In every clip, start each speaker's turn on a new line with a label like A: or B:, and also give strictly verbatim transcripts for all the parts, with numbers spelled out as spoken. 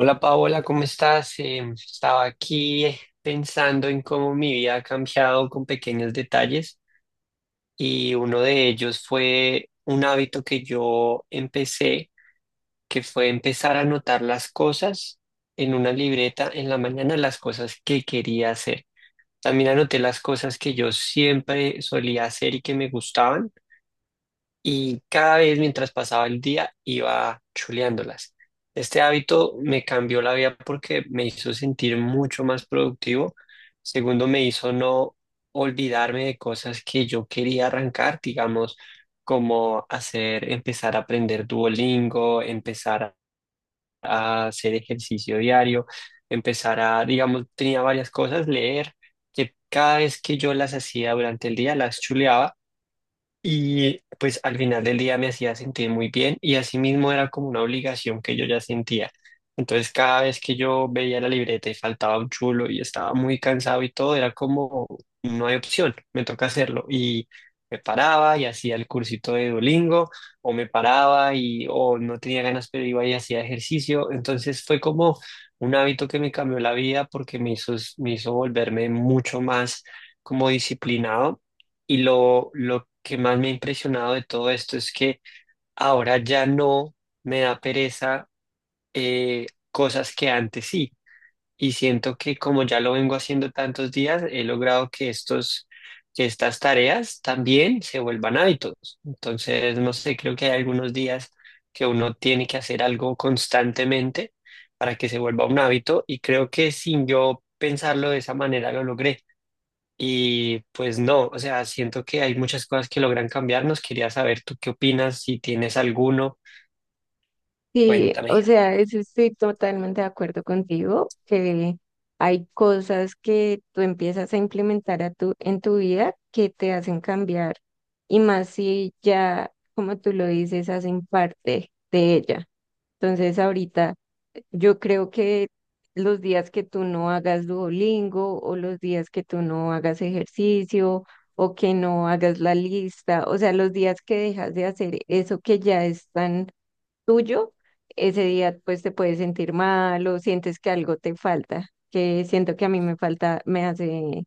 A: Hola Paola, ¿cómo estás? Em, estaba aquí eh, pensando en cómo mi vida ha cambiado con pequeños detalles y uno de ellos fue un hábito que yo empecé, que fue empezar a anotar las cosas en una libreta en la mañana, las cosas que quería hacer. También anoté las cosas que yo siempre solía hacer y que me gustaban y cada vez mientras pasaba el día iba chuleándolas. Este hábito me cambió la vida porque me hizo sentir mucho más productivo. Segundo, me hizo no olvidarme de cosas que yo quería arrancar, digamos, como hacer, empezar a aprender Duolingo, empezar a hacer ejercicio diario, empezar a, digamos, tenía varias cosas, leer, que cada vez que yo las hacía durante el día, las chuleaba y pues al final del día me hacía sentir muy bien y asimismo era como una obligación que yo ya sentía. Entonces cada vez que yo veía la libreta y faltaba un chulo y estaba muy cansado y todo, era como, no hay opción, me toca hacerlo. Y me paraba y hacía el cursito de Duolingo o me paraba y o no tenía ganas, pero iba y hacía ejercicio. Entonces fue como un hábito que me cambió la vida porque me hizo, me hizo volverme mucho más como disciplinado y lo, lo que más me ha impresionado de todo esto es que ahora ya no me da pereza eh, cosas que antes sí. Y siento que como ya lo vengo haciendo tantos días, he logrado que estos, que estas tareas también se vuelvan hábitos. Entonces, no sé, creo que hay algunos días que uno tiene que hacer algo constantemente para que se vuelva un hábito. Y creo que sin yo pensarlo de esa manera lo logré. Y pues no, o sea, siento que hay muchas cosas que logran cambiarnos. Quería saber tú qué opinas. Si tienes alguno,
B: Sí,
A: cuéntame.
B: o sea, eso estoy totalmente de acuerdo contigo, que hay cosas que tú empiezas a implementar a tu, en tu vida que te hacen cambiar, y más si ya, como tú lo dices, hacen parte de ella. Entonces, ahorita yo creo que los días que tú no hagas Duolingo o los días que tú no hagas ejercicio o que no hagas la lista, o sea, los días que dejas de hacer eso que ya están tuyo, ese día pues te puedes sentir mal o sientes que algo te falta, que siento que a mí me falta, me hace,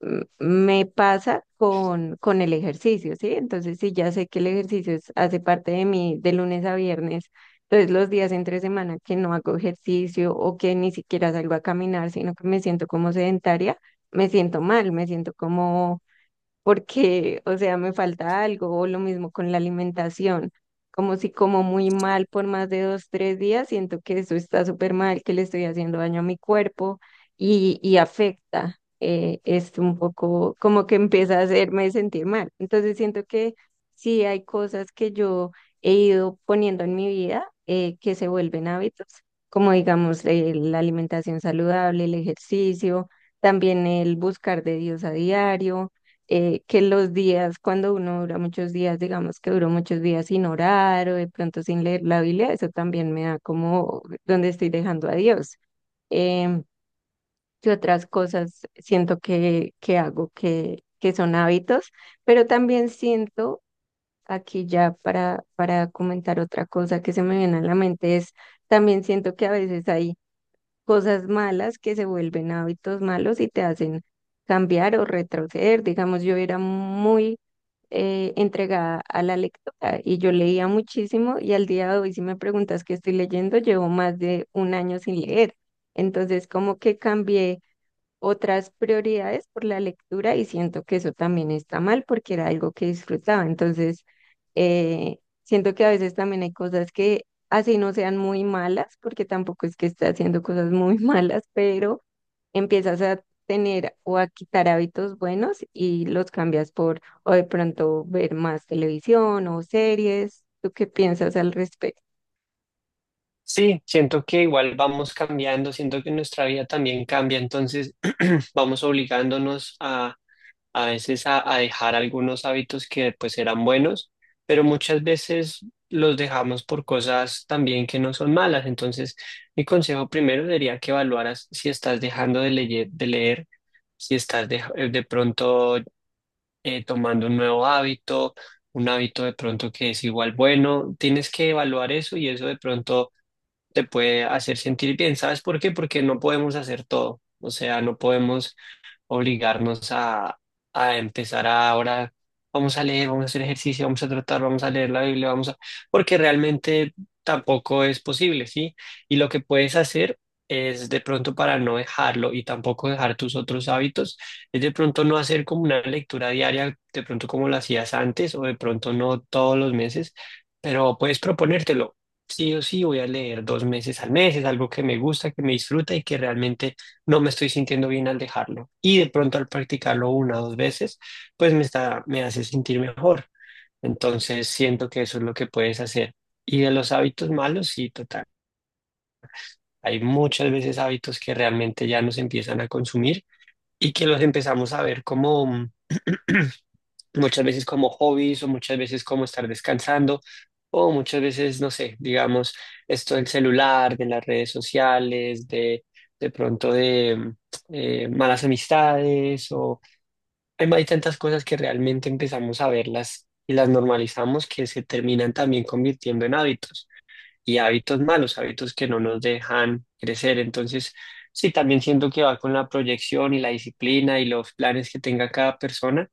B: m- me pasa con, con el ejercicio, ¿sí? Entonces, si ya sé que el ejercicio es- hace parte de mí de lunes a viernes, entonces los días entre semana que no hago ejercicio o que ni siquiera salgo a caminar, sino que me siento como sedentaria, me siento mal, me siento como porque, o sea, me falta algo, o lo mismo con la alimentación, como si como muy mal por más de dos, tres días, siento que eso está súper mal, que le estoy haciendo daño a mi cuerpo y, y afecta, eh, es un poco como que empieza a hacerme sentir mal. Entonces siento que sí hay cosas que yo he ido poniendo en mi vida eh, que se vuelven hábitos, como digamos eh, la alimentación saludable, el ejercicio, también el buscar de Dios a diario eh, que los días, cuando uno dura muchos días, digamos que duró muchos días sin orar o de pronto sin leer la Biblia, eso también me da como donde estoy dejando a Dios. Em, ¿Qué otras cosas siento que, que hago que, que son hábitos? Pero también siento, aquí ya para, para comentar otra cosa que se me viene a la mente, es también siento que a veces hay cosas malas que se vuelven hábitos malos y te hacen cambiar o retroceder. Digamos, yo era muy eh, entregada a la lectura y yo leía muchísimo y al día de hoy si me preguntas qué estoy leyendo, llevo más de un año sin leer. Entonces como que cambié otras prioridades por la lectura y siento que eso también está mal porque era algo que disfrutaba. Entonces eh, siento que a veces también hay cosas que así no sean muy malas porque tampoco es que esté haciendo cosas muy malas, pero empiezas a tener o a quitar hábitos buenos y los cambias por o de pronto ver más televisión o series. ¿Tú qué piensas al respecto?
A: Sí, siento que igual vamos cambiando, siento que nuestra vida también cambia, entonces vamos obligándonos a, a veces a, a dejar algunos hábitos que pues eran buenos, pero muchas veces los dejamos por cosas también que no son malas. Entonces, mi consejo primero sería que evaluaras si estás dejando de leer, de leer si estás de, de pronto eh, tomando un nuevo hábito, un hábito de pronto que es igual bueno. Tienes que evaluar eso y eso de pronto te puede hacer sentir bien. ¿Sabes por qué? Porque no podemos hacer todo. O sea, no podemos obligarnos a, a empezar a ahora, vamos a leer, vamos a hacer ejercicio, vamos a tratar, vamos a leer la Biblia, vamos a... porque realmente tampoco es posible, ¿sí? Y lo que puedes hacer es de pronto, para no dejarlo y tampoco dejar tus otros hábitos, es de pronto no hacer como una lectura diaria, de pronto como lo hacías antes o de pronto no todos los meses, pero puedes proponértelo. Sí o sí voy a leer dos meses al mes, es algo que me gusta, que me disfruta y que realmente no me estoy sintiendo bien al dejarlo. Y de pronto al practicarlo una o dos veces, pues me está, me hace sentir mejor. Entonces siento que eso es lo que puedes hacer. Y de los hábitos malos, sí, total. Hay muchas veces hábitos que realmente ya nos empiezan a consumir y que los empezamos a ver como muchas veces como hobbies o muchas veces como estar descansando o muchas veces, no sé, digamos, esto del celular, de las redes sociales, de, de pronto de mm, eh, malas amistades o hay, hay tantas cosas que realmente empezamos a verlas y las normalizamos que se terminan también convirtiendo en hábitos y hábitos malos, hábitos que no nos dejan crecer. Entonces, sí, también siento que va con la proyección y la disciplina y los planes que tenga cada persona,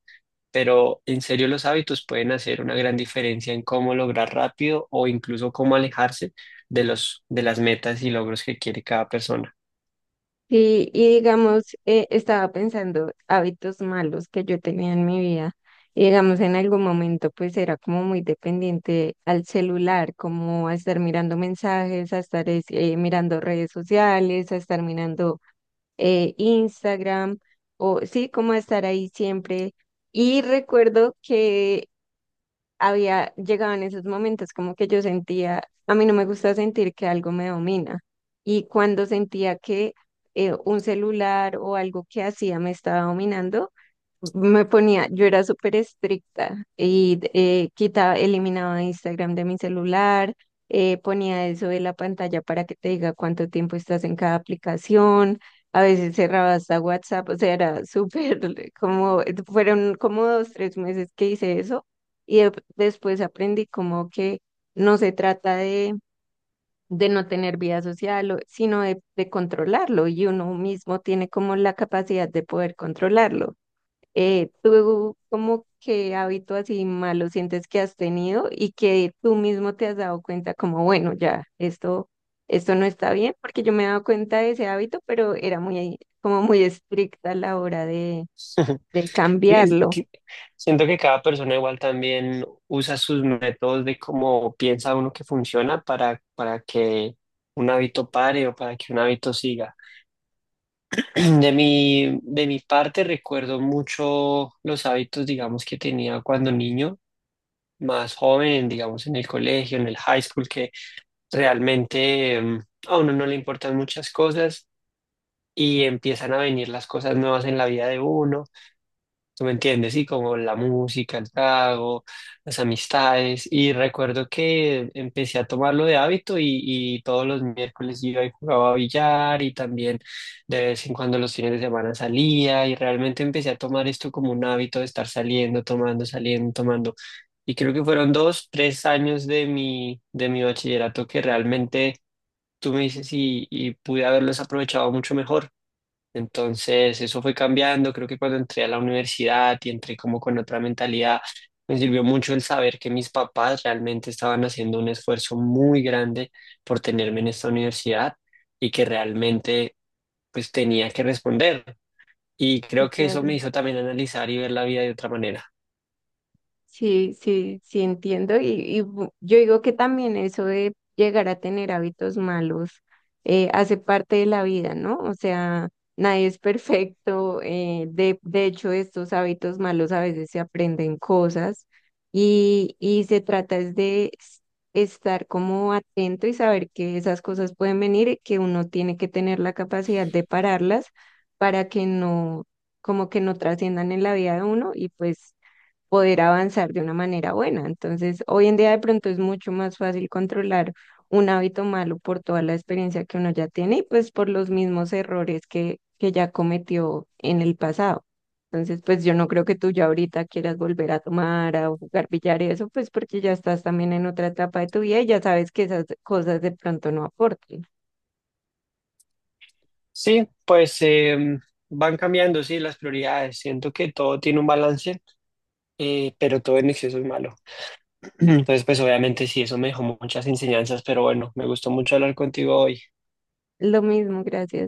A: pero en serio los hábitos pueden hacer una gran diferencia en cómo lograr rápido o incluso cómo alejarse de los, de las metas y logros que quiere cada persona.
B: Sí, y digamos, eh, estaba pensando hábitos malos que yo tenía en mi vida. Y digamos, en algún momento pues era como muy dependiente al celular, como a estar mirando mensajes, a estar es- eh, mirando redes sociales, a estar mirando eh, Instagram, o sí, como estar ahí siempre. Y recuerdo que había llegado en esos momentos como que yo sentía, a mí no me gusta sentir que algo me domina. Y cuando sentía que eh, un celular o algo que hacía me estaba dominando, me ponía, yo era súper estricta y eh, quitaba, eliminaba Instagram de mi celular, eh, ponía eso de la pantalla para que te diga cuánto tiempo estás en cada aplicación, a veces cerraba hasta WhatsApp, o sea, era súper como, fueron como dos, tres meses que hice eso y de- después aprendí como que no se trata de, de no tener vida social, o- sino de, de controlarlo y uno mismo tiene como la capacidad de poder controlarlo. Eh, ¿tú como que hábito así malo sientes que has tenido y que tú mismo te has dado cuenta como, bueno, ya, esto, esto no está bien? Porque yo me he dado cuenta de ese hábito, pero era muy, como muy estricta a la hora de, de
A: Es
B: cambiarlo.
A: que Siento que cada persona igual también usa sus métodos de cómo piensa uno que funciona para, para que un hábito pare o para que un hábito siga. De mi, de mi parte recuerdo mucho los hábitos, digamos, que tenía cuando niño, más joven, digamos, en el colegio, en el high school, realmente em, a uno no le importan muchas cosas y empiezan a venir las cosas nuevas en la vida de uno. ¿Tú me entiendes? Sí, como la música, el trago, las amistades. Y recuerdo que empecé a tomarlo de hábito y, y todos los miércoles iba y jugaba a billar y también de vez en cuando los fines de semana salía y realmente empecé a tomar esto como un hábito de estar saliendo, tomando, saliendo, tomando. Y creo que fueron dos, tres años de mi, de mi bachillerato que realmente tú me dices y, y pude haberlos aprovechado mucho mejor. Entonces, eso fue cambiando. Creo que cuando entré a la universidad y entré como con otra mentalidad, me sirvió mucho el saber que mis papás realmente estaban haciendo un esfuerzo muy grande por tenerme en esta universidad y que realmente pues tenía que responder. Y
B: Sí,
A: creo que eso
B: claro.
A: me hizo también analizar y ver la vida de otra manera.
B: Sí, sí, sí entiendo. Y, y bu- yo digo que también eso de llegar a tener hábitos malos eh, hace parte de la vida, ¿no? O sea, nadie es perfecto. eh, de, de hecho, estos hábitos malos a veces se aprenden cosas y, y se trata es de s- estar como atento y saber que esas cosas pueden venir y que uno tiene que tener la capacidad de pararlas para que no, como que no trasciendan en la vida de uno y pues poder avanzar de una manera buena. Entonces, hoy en día de pronto es mucho más fácil controlar un hábito malo por toda la experiencia que uno ya tiene y pues por los mismos errores que, que ya cometió en el pasado. Entonces, pues yo no creo que tú ya ahorita quieras volver a tomar, a jugar billar y eso, pues porque ya estás también en otra etapa de tu vida y ya sabes que esas cosas de pronto no aportan.
A: Sí, pues em, van cambiando, sí, las prioridades. Siento que todo tiene un balance, eh, pero todo en exceso es malo. Entonces, pues obviamente sí, eso me dejó muchas enseñanzas, pero bueno, me gustó mucho hablar contigo hoy.
B: Lo mismo, gracias.